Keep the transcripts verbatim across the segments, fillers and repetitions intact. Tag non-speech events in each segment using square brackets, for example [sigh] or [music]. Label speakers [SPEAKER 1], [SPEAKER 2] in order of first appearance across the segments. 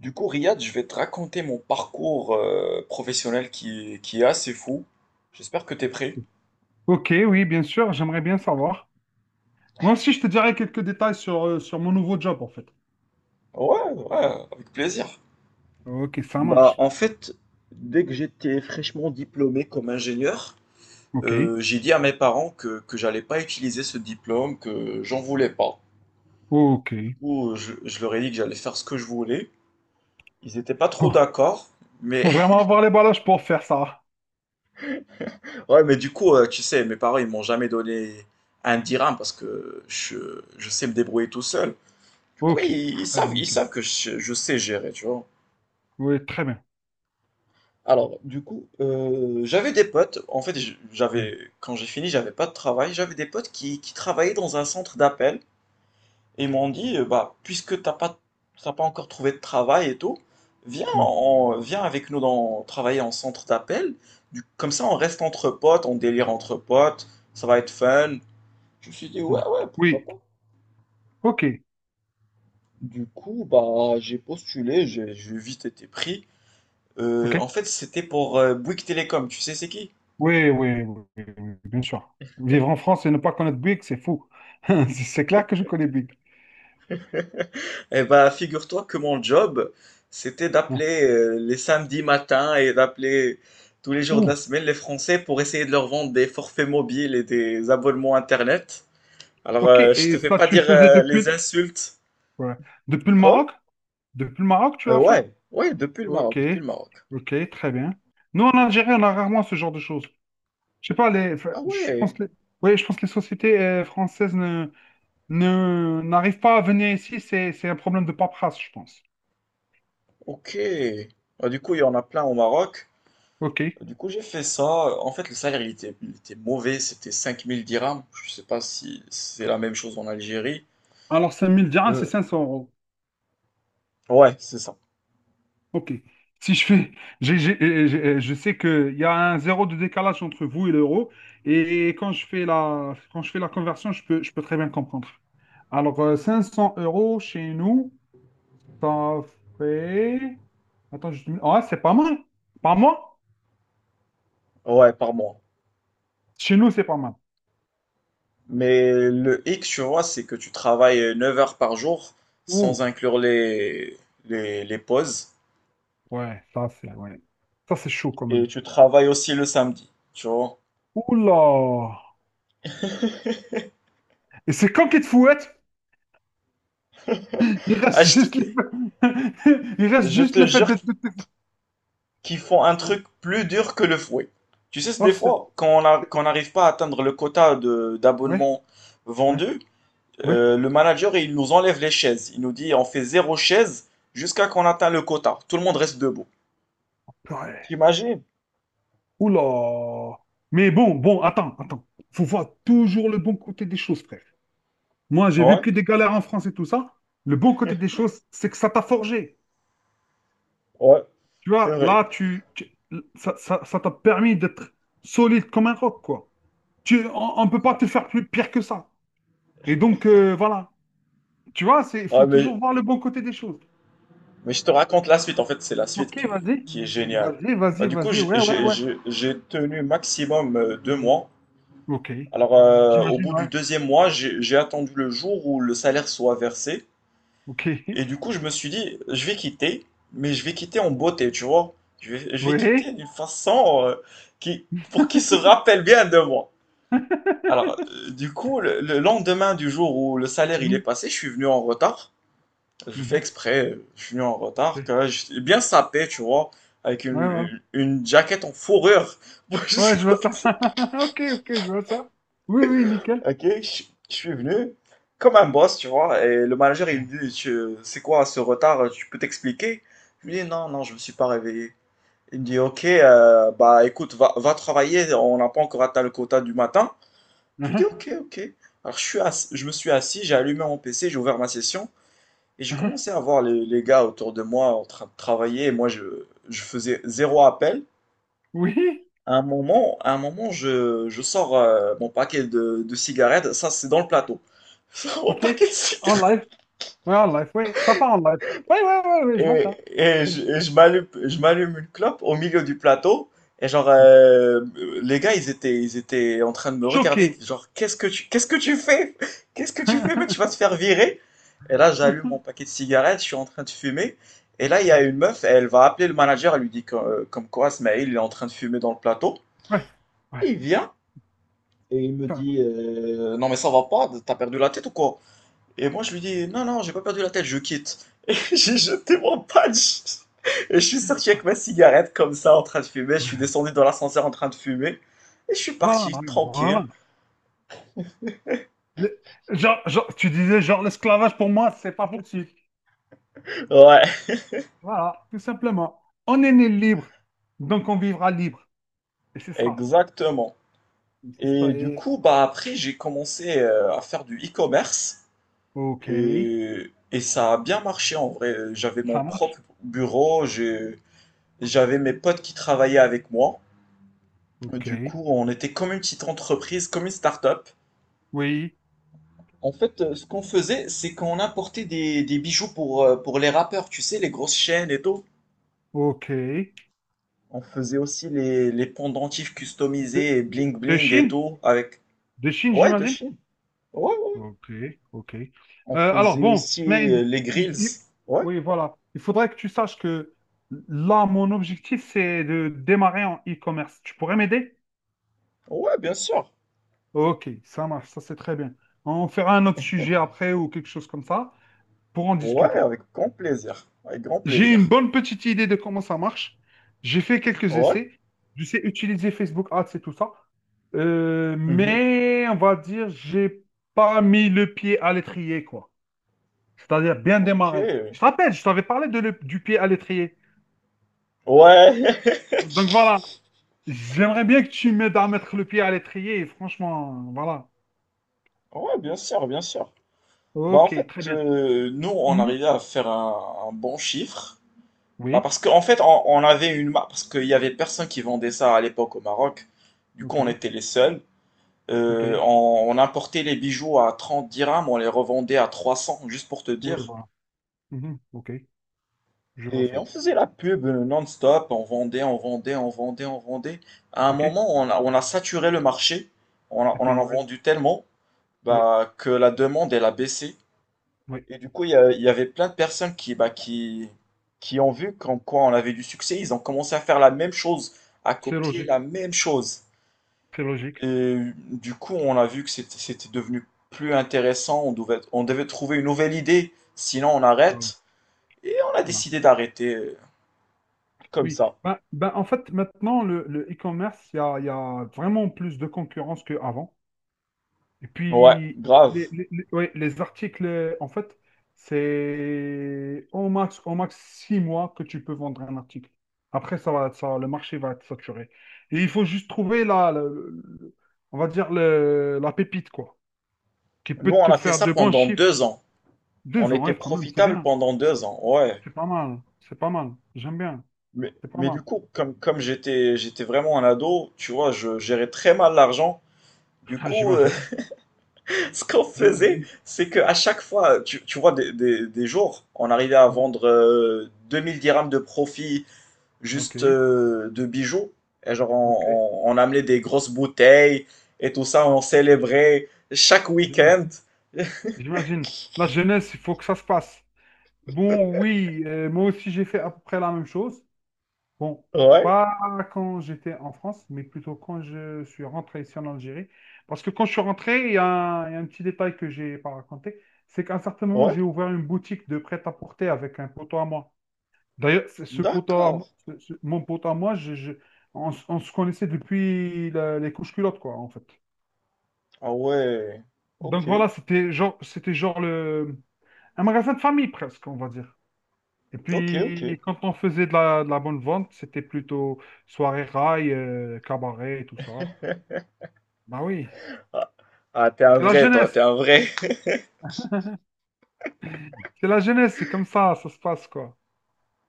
[SPEAKER 1] Du coup, Riyad, je vais te raconter mon parcours euh, professionnel qui, qui est assez fou. J'espère que t'es prêt.
[SPEAKER 2] Ok, oui, bien sûr, j'aimerais bien savoir. Moi aussi, je te dirai quelques détails sur, euh, sur mon nouveau job, en fait.
[SPEAKER 1] Ouais, ouais, avec plaisir.
[SPEAKER 2] Ok, ça
[SPEAKER 1] Bah,
[SPEAKER 2] marche.
[SPEAKER 1] en fait, dès que j'étais fraîchement diplômé comme ingénieur,
[SPEAKER 2] Ok,
[SPEAKER 1] euh, j'ai dit à mes parents que, que j'allais pas utiliser ce diplôme, que j'en voulais pas.
[SPEAKER 2] ok.
[SPEAKER 1] Du coup, je, je leur ai dit que j'allais faire ce que je voulais. Ils étaient pas trop
[SPEAKER 2] Bon,
[SPEAKER 1] d'accord, mais
[SPEAKER 2] faut vraiment avoir les ballages pour faire ça.
[SPEAKER 1] [laughs] ouais, mais du coup, euh, tu sais, mes parents, ils m'ont jamais donné un dirham parce que je, je sais me débrouiller tout seul. Du coup,
[SPEAKER 2] Ok,
[SPEAKER 1] ils, ils
[SPEAKER 2] très bien,
[SPEAKER 1] savent, ils
[SPEAKER 2] nickel.
[SPEAKER 1] savent que je, je sais gérer, tu vois.
[SPEAKER 2] Oui, très bien.
[SPEAKER 1] Alors, du coup, euh, j'avais des potes. En fait, j-
[SPEAKER 2] Mm,
[SPEAKER 1] j'avais, quand j'ai fini, j'avais pas de travail. J'avais des potes qui, qui travaillaient dans un centre d'appel. Et ils m'ont dit, euh, bah, puisque t'as pas, t'as pas encore trouvé de travail et tout, viens,
[SPEAKER 2] mm,
[SPEAKER 1] en- viens avec nous dans, travailler en centre d'appel. Du- Comme ça, on reste entre potes, on délire entre potes. Ça va être fun. Je me suis dit,
[SPEAKER 2] mm.
[SPEAKER 1] ouais, ouais, pourquoi
[SPEAKER 2] Oui,
[SPEAKER 1] pas.
[SPEAKER 2] ok,
[SPEAKER 1] Du coup, bah, j'ai postulé, j'ai j'ai vite été pris. Euh,
[SPEAKER 2] ok.
[SPEAKER 1] en fait, c'était pour euh, Bouygues Télécom, tu sais c'est qui?
[SPEAKER 2] Oui, oui, oui, oui, oui, bien sûr. Vivre en France et ne pas connaître Big, c'est fou. [laughs] C'est c'est clair que je connais Big.
[SPEAKER 1] Eh ben, figure-toi que mon job, c'était
[SPEAKER 2] Hein.
[SPEAKER 1] d'appeler euh, les samedis matins et d'appeler tous les jours de la
[SPEAKER 2] Ouh,
[SPEAKER 1] semaine les Français pour essayer de leur vendre des forfaits mobiles et des abonnements Internet. Alors,
[SPEAKER 2] ok,
[SPEAKER 1] euh, je te
[SPEAKER 2] et
[SPEAKER 1] fais
[SPEAKER 2] ça,
[SPEAKER 1] pas
[SPEAKER 2] tu le
[SPEAKER 1] dire
[SPEAKER 2] faisais
[SPEAKER 1] euh,
[SPEAKER 2] depuis,
[SPEAKER 1] les insultes.
[SPEAKER 2] ouais. Depuis le
[SPEAKER 1] Quoi?
[SPEAKER 2] Maroc? Depuis le Maroc, tu
[SPEAKER 1] Euh,
[SPEAKER 2] l'as fait?
[SPEAKER 1] ouais, ouais, depuis le
[SPEAKER 2] Ok,
[SPEAKER 1] Maroc, depuis le Maroc.
[SPEAKER 2] ok, très bien. Nous, en Algérie, on a rarement ce genre de choses. Je sais pas, les, enfin,
[SPEAKER 1] Ah
[SPEAKER 2] je pense
[SPEAKER 1] ouais,
[SPEAKER 2] que les, ouais, je pense que les sociétés euh, françaises ne, ne, n'arrivent pas à venir ici. C'est, c'est un problème de paperasse, je pense.
[SPEAKER 1] ok. Ah, du coup, il y en a plein au Maroc.
[SPEAKER 2] Ok.
[SPEAKER 1] Du coup, j'ai fait ça. En fait, le salaire, il était, il était mauvais. C'était cinq mille dirhams. Je sais pas si c'est la même chose en Algérie.
[SPEAKER 2] Alors, cinq mille dirhams, c'est
[SPEAKER 1] Euh,
[SPEAKER 2] cinq cents euros.
[SPEAKER 1] ouais, c'est ça.
[SPEAKER 2] Ok. Si je fais, [laughs] j'ai- j'ai- euh, j'ai- euh, je sais qu'il y a un zéro de décalage entre vous et l'euro. Et quand je fais la, quand je fais la conversion, je peux, je peux très bien comprendre. Alors, euh, cinq cents euros chez nous. Ça fait. Attends, je... ouais, c'est pas mal. Pas mal.
[SPEAKER 1] Ouais, par mois.
[SPEAKER 2] Chez nous, c'est pas mal.
[SPEAKER 1] Mais le hic, tu vois, c'est que tu travailles neuf heures par jour
[SPEAKER 2] Ouh,
[SPEAKER 1] sans inclure les, les, les pauses.
[SPEAKER 2] ouais, ça, c'est ouais. Ça, c'est chaud quand
[SPEAKER 1] Et
[SPEAKER 2] même.
[SPEAKER 1] tu travailles aussi le samedi, tu vois.
[SPEAKER 2] Oula! Et c'est quand qu'il te fouette? Il
[SPEAKER 1] Ah,
[SPEAKER 2] reste
[SPEAKER 1] je te,
[SPEAKER 2] juste les... [laughs] Il reste
[SPEAKER 1] je
[SPEAKER 2] juste
[SPEAKER 1] te
[SPEAKER 2] le fait
[SPEAKER 1] jure
[SPEAKER 2] de... de- de-
[SPEAKER 1] qu'ils font un truc plus dur que le fouet. Tu sais, c'est
[SPEAKER 2] Oh,
[SPEAKER 1] des
[SPEAKER 2] c'est...
[SPEAKER 1] fois, quand on a,
[SPEAKER 2] c'est-
[SPEAKER 1] quand on n'arrive pas à atteindre le quota de
[SPEAKER 2] Ouais,
[SPEAKER 1] d'abonnements
[SPEAKER 2] ouais,
[SPEAKER 1] vendus.
[SPEAKER 2] ouais.
[SPEAKER 1] Euh, le manager, il nous enlève les chaises. Il nous dit, on fait zéro chaise jusqu'à qu'on atteint le quota. Tout le monde reste debout.
[SPEAKER 2] Ouais.
[SPEAKER 1] T'imagines?
[SPEAKER 2] Oula! Mais bon, bon, attends, attends. Faut voir toujours le bon côté des choses, frère. Moi, j'ai vu
[SPEAKER 1] Ouais,
[SPEAKER 2] que des galères en France et tout ça. Le bon côté des choses, c'est que ça t'a forgé.
[SPEAKER 1] ouais,
[SPEAKER 2] Tu
[SPEAKER 1] c'est
[SPEAKER 2] vois,
[SPEAKER 1] vrai.
[SPEAKER 2] là, tu, tu- ça, ça- ça t'a permis d'être solide comme un roc, quoi. Tu, on ne peut pas
[SPEAKER 1] Non.
[SPEAKER 2] te faire plus pire que ça. Et donc, euh, voilà. Tu vois, c'est, il faut
[SPEAKER 1] Ah, mais,
[SPEAKER 2] toujours voir le bon côté des choses.
[SPEAKER 1] mais je te raconte la suite. En fait, c'est la suite
[SPEAKER 2] Ok,
[SPEAKER 1] qui, est-
[SPEAKER 2] vas-y.
[SPEAKER 1] qui est géniale.
[SPEAKER 2] Vas-y,
[SPEAKER 1] Bah,
[SPEAKER 2] vas-y,
[SPEAKER 1] du coup,
[SPEAKER 2] vas-y.
[SPEAKER 1] j'ai
[SPEAKER 2] Ouais, ouais,
[SPEAKER 1] j'ai-
[SPEAKER 2] ouais.
[SPEAKER 1] j'ai- j'ai tenu maximum euh, deux mois.
[SPEAKER 2] Ok.
[SPEAKER 1] Alors, euh, au
[SPEAKER 2] J'imagine,
[SPEAKER 1] bout du
[SPEAKER 2] ouais.
[SPEAKER 1] deuxième mois, j'ai j'ai attendu le jour où le salaire soit versé.
[SPEAKER 2] Ok. [laughs]
[SPEAKER 1] Et du coup, je me suis dit, je vais quitter, mais je vais quitter en beauté, tu vois. Je vais, je vais
[SPEAKER 2] Oui.
[SPEAKER 1] quitter d'une façon euh, qui, pour qu'ils se rappelle bien de moi. Alors, euh, du coup, le, le lendemain du jour où le salaire il est
[SPEAKER 2] Mhm,
[SPEAKER 1] passé, je suis venu en retard. Je fais
[SPEAKER 2] mhm,
[SPEAKER 1] exprès, euh, je suis venu en retard,
[SPEAKER 2] ok.
[SPEAKER 1] que j'étais bien sapé, tu vois, avec
[SPEAKER 2] Ouais, ouais.
[SPEAKER 1] une, une jaquette en fourrure. [laughs] Moi, je
[SPEAKER 2] Ouais, je vois ça. [laughs] Ok, ok, je vois ça. Oui, oui, nickel.
[SPEAKER 1] Ok, je je suis venu comme un boss, tu vois, et le manager il me dit, Tu- c'est quoi ce retard, tu peux t'expliquer? Je lui dis, non, non, je me suis pas réveillé. Il me dit, ok, euh, bah écoute, va, va travailler, on n'a pas encore atteint le quota du matin. Je lui dis,
[SPEAKER 2] Mhm,
[SPEAKER 1] ok, ok. Alors je suis ass- je me suis assis, j'ai allumé mon P C, j'ai ouvert ma session, et j'ai
[SPEAKER 2] mhm.
[SPEAKER 1] commencé à voir les, les, gars autour de moi en train de travailler, et moi je, je faisais zéro appel.
[SPEAKER 2] Oui,
[SPEAKER 1] À un moment, à un moment, je, je sors euh, mon paquet de, de cigarettes. Ça, c'est dans le plateau. [laughs] Je sors Mon
[SPEAKER 2] ok.
[SPEAKER 1] paquet de
[SPEAKER 2] En
[SPEAKER 1] cigarettes.
[SPEAKER 2] live. Ouais, en live, oui, ça part en live. Oui, oui, oui, oui, je vois
[SPEAKER 1] Et,
[SPEAKER 2] ça.
[SPEAKER 1] et je, et je m'allume, je m'allume une clope au milieu du plateau. Et genre, euh, les gars, ils étaient, ils étaient en train de me
[SPEAKER 2] Choqué.
[SPEAKER 1] regarder. Genre, qu'est-ce que tu, qu'est-ce que tu fais? Qu'est-ce que tu fais, mec? Tu vas te
[SPEAKER 2] [laughs]
[SPEAKER 1] faire virer. Et là, j'allume mon paquet de cigarettes. Je suis en train de fumer. Et là, il y a une meuf. Elle va appeler le manager. Elle lui dit que- euh, comme quoi, Smaïl, il est en train de fumer dans le plateau.
[SPEAKER 2] Ouais, ouais,
[SPEAKER 1] Et il vient. Et il me
[SPEAKER 2] ouais.
[SPEAKER 1] dit, euh, non mais ça va pas, t'as perdu la tête ou quoi? Et moi je lui dis, non non, j'ai pas perdu la tête, je quitte. [laughs] J'ai jeté mon patch et je suis sorti avec ma cigarette comme ça en train de fumer. Je suis descendu dans l'ascenseur en train de fumer et je suis
[SPEAKER 2] Voilà,
[SPEAKER 1] parti tranquille.
[SPEAKER 2] voilà. Le- genre, genre, tu disais, genre, l'esclavage pour moi, c'est pas possible.
[SPEAKER 1] Ouais,
[SPEAKER 2] Voilà, tout simplement. On est né libre, donc on vivra libre. Et c'est ça.
[SPEAKER 1] exactement.
[SPEAKER 2] C'est ça.
[SPEAKER 1] Et du
[SPEAKER 2] Et...
[SPEAKER 1] coup, bah après j'ai commencé euh, à faire du e-commerce
[SPEAKER 2] Ok,
[SPEAKER 1] et, et ça a bien marché en vrai. J'avais mon
[SPEAKER 2] ça marche.
[SPEAKER 1] propre bureau, j'ai- j'avais mes potes qui travaillaient avec moi. Euh,
[SPEAKER 2] Ok,
[SPEAKER 1] Du coup, on était comme une petite entreprise, comme une start-up.
[SPEAKER 2] oui,
[SPEAKER 1] En fait, euh, ce qu'on faisait, c'est qu'on importait des, des bijoux pour, euh, pour les rappeurs, tu sais, les grosses chaînes et tout.
[SPEAKER 2] ok. De,
[SPEAKER 1] On faisait aussi les, les pendentifs customisés et
[SPEAKER 2] de,
[SPEAKER 1] bling
[SPEAKER 2] de
[SPEAKER 1] bling et
[SPEAKER 2] Chine?
[SPEAKER 1] tout avec.
[SPEAKER 2] De Chine,
[SPEAKER 1] Ouais, de
[SPEAKER 2] j'imagine?
[SPEAKER 1] Chine. Ouais, ouais.
[SPEAKER 2] Ok, ok. Euh,
[SPEAKER 1] On
[SPEAKER 2] alors
[SPEAKER 1] faisait
[SPEAKER 2] bon, mais
[SPEAKER 1] aussi euh,
[SPEAKER 2] il-
[SPEAKER 1] les
[SPEAKER 2] il- il-
[SPEAKER 1] grills. Ouais,
[SPEAKER 2] oui, voilà. Il faudrait que tu saches que là, mon objectif, c'est de démarrer en e-commerce. Tu pourrais m'aider?
[SPEAKER 1] ouais, bien sûr.
[SPEAKER 2] Ok, ça marche, ça c'est très bien. On fera un autre sujet après ou quelque chose comme ça pour en
[SPEAKER 1] Ouais,
[SPEAKER 2] discuter.
[SPEAKER 1] avec grand plaisir. Avec grand
[SPEAKER 2] J'ai une
[SPEAKER 1] plaisir.
[SPEAKER 2] bonne petite idée de comment ça marche. J'ai fait quelques
[SPEAKER 1] Ouais.
[SPEAKER 2] essais. Je sais utiliser Facebook Ads et tout ça. Euh,
[SPEAKER 1] Mhm.
[SPEAKER 2] mais on va dire, j'ai pas mis le pied à l'étrier, quoi. C'est-à-dire bien
[SPEAKER 1] Ok.
[SPEAKER 2] démarrer. Je te rappelle, je t'avais parlé de le- du pied à l'étrier.
[SPEAKER 1] Ouais. [laughs]
[SPEAKER 2] Donc voilà, j'aimerais bien que tu m'aides à mettre le pied à l'étrier, et franchement, voilà.
[SPEAKER 1] Ouais, bien sûr, bien sûr. Bah en
[SPEAKER 2] Ok, très
[SPEAKER 1] fait,
[SPEAKER 2] bien.
[SPEAKER 1] euh, nous, on
[SPEAKER 2] Mhm.
[SPEAKER 1] arrivait à faire un, un bon chiffre. Bah
[SPEAKER 2] Oui,
[SPEAKER 1] parce qu'en fait, on, on avait une marque, parce qu'il y avait personne qui vendait ça à l'époque au Maroc. Du coup,
[SPEAKER 2] ok,
[SPEAKER 1] on était les seuls.
[SPEAKER 2] ok,
[SPEAKER 1] Euh, on, on importait les bijoux à trente dirhams, on les revendait à trois cents, juste pour te
[SPEAKER 2] oui,
[SPEAKER 1] dire.
[SPEAKER 2] voilà. Mhm, ok, je vois
[SPEAKER 1] Et
[SPEAKER 2] ça.
[SPEAKER 1] on faisait la pub euh, non-stop, on vendait, on vendait, on vendait, on vendait. À un
[SPEAKER 2] Ok, et
[SPEAKER 1] moment, on a, on a saturé le marché, on, a- on en
[SPEAKER 2] puis,
[SPEAKER 1] a
[SPEAKER 2] oui,
[SPEAKER 1] vendu tellement
[SPEAKER 2] oui,
[SPEAKER 1] bah, que la demande, elle a baissé.
[SPEAKER 2] oui,
[SPEAKER 1] Et du coup, il y, a- il y avait plein de personnes qui, bah, qui, qui ont vu qu'en quoi on avait du succès. Ils ont commencé à faire la même chose, à
[SPEAKER 2] c'est
[SPEAKER 1] copier
[SPEAKER 2] logique,
[SPEAKER 1] la même chose.
[SPEAKER 2] c'est logique.
[SPEAKER 1] Et du coup, on a vu que c'était c'était devenu plus intéressant. On devait, on devait trouver une nouvelle idée. Sinon, on
[SPEAKER 2] Voilà,
[SPEAKER 1] arrête. Et on a
[SPEAKER 2] voilà.
[SPEAKER 1] décidé d'arrêter euh, comme
[SPEAKER 2] Oui,
[SPEAKER 1] ça.
[SPEAKER 2] ben, ben, en fait, maintenant, le, le e-commerce, il y a, il y a vraiment plus de concurrence qu'avant. Et
[SPEAKER 1] Ouais,
[SPEAKER 2] puis, les,
[SPEAKER 1] grave.
[SPEAKER 2] les- les- ouais, les articles, euh, en fait, c'est au max, au max six mois que tu peux vendre un article. Après, ça va, ça, le marché va être saturé. Et il faut juste trouver la, le- le- on va dire le- la pépite, quoi, qui peut
[SPEAKER 1] Nous, on
[SPEAKER 2] te
[SPEAKER 1] a fait
[SPEAKER 2] faire
[SPEAKER 1] ça
[SPEAKER 2] de bons
[SPEAKER 1] pendant
[SPEAKER 2] chiffres.
[SPEAKER 1] deux ans. On
[SPEAKER 2] Deux ans,
[SPEAKER 1] était
[SPEAKER 2] ouais, quand même, c'est
[SPEAKER 1] profitable
[SPEAKER 2] bien.
[SPEAKER 1] pendant deux ans. Ouais.
[SPEAKER 2] C'est pas mal. C'est pas mal. J'aime bien.
[SPEAKER 1] Mais,
[SPEAKER 2] C'est pas
[SPEAKER 1] mais du
[SPEAKER 2] mal.
[SPEAKER 1] coup, comme, comme j'étais, j'étais vraiment un ado, tu vois, je gérais très mal l'argent.
[SPEAKER 2] [laughs]
[SPEAKER 1] Du
[SPEAKER 2] Ah,
[SPEAKER 1] coup, euh,
[SPEAKER 2] j'imagine.
[SPEAKER 1] [laughs] ce qu'on faisait,
[SPEAKER 2] J'imagine.
[SPEAKER 1] c'est qu'à chaque fois, tu, tu vois, des, des- des jours, on arrivait à vendre euh, deux mille dirhams de profit
[SPEAKER 2] Ok.
[SPEAKER 1] juste euh, de bijoux. Et genre,
[SPEAKER 2] Ok.
[SPEAKER 1] on, on- on amenait des grosses bouteilles et tout ça, on
[SPEAKER 2] J'imagine.
[SPEAKER 1] célébrait chaque
[SPEAKER 2] J'imagine.
[SPEAKER 1] week-end. [laughs]
[SPEAKER 2] J'imagine. La jeunesse, il faut que ça se passe. Bon, oui, euh, moi aussi j'ai fait à peu près la même chose. Bon,
[SPEAKER 1] Ouais,
[SPEAKER 2] pas quand j'étais en France, mais plutôt quand je suis rentré ici en Algérie. Parce que quand je suis rentré, il y a un, il y a un petit détail que j'ai pas raconté, c'est qu'à un certain moment,
[SPEAKER 1] ouais,
[SPEAKER 2] j'ai ouvert une boutique de prêt-à-porter avec un poteau à moi. D'ailleurs, c'est ce poteau à
[SPEAKER 1] d'accord.
[SPEAKER 2] moi, ce- ce- mon poteau à moi, je, je- on, s- on se connaissait depuis la- les couches culottes, quoi, en fait.
[SPEAKER 1] Ah ouais,
[SPEAKER 2] Donc
[SPEAKER 1] ok,
[SPEAKER 2] voilà, c'était genre, c'était genre le, un magasin de famille presque, on va dire. Et
[SPEAKER 1] ok, ok.
[SPEAKER 2] puis, quand on faisait de la, de la bonne vente, c'était plutôt soirée rail, euh, cabaret et tout ça. Bah oui,
[SPEAKER 1] Ah, ah, t'es un
[SPEAKER 2] c'est la
[SPEAKER 1] vrai, toi, t'es
[SPEAKER 2] jeunesse.
[SPEAKER 1] un vrai.
[SPEAKER 2] C'est la jeunesse, c'est comme ça, ça se passe, quoi.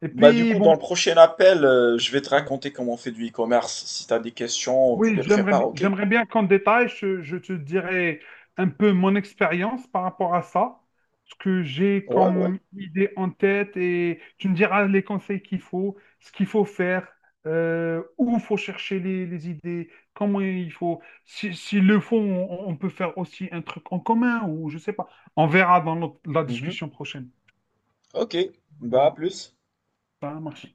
[SPEAKER 2] Et
[SPEAKER 1] Bah du
[SPEAKER 2] puis,
[SPEAKER 1] coup,
[SPEAKER 2] bon.
[SPEAKER 1] dans le prochain appel, euh, je vais te raconter comment on fait du e-commerce. Si t'as des questions, tu
[SPEAKER 2] Oui,
[SPEAKER 1] les
[SPEAKER 2] j'aimerais,
[SPEAKER 1] prépares,
[SPEAKER 2] bi-
[SPEAKER 1] ok?
[SPEAKER 2] j'aimerais bien qu'en détail, je, je te dirais un peu mon expérience par rapport à ça, ce que j'ai
[SPEAKER 1] Ouais, ouais.
[SPEAKER 2] comme idée en tête et tu me diras les conseils qu'il faut, ce qu'il faut faire, euh, où il faut chercher les, les idées, comment il faut. Si, s'ils le font, on, on peut faire aussi un truc en commun ou je sais pas. On verra dans notre- la
[SPEAKER 1] Mhm.
[SPEAKER 2] discussion prochaine.
[SPEAKER 1] Ok. Bah à
[SPEAKER 2] Voilà,
[SPEAKER 1] plus.
[SPEAKER 2] ça marche.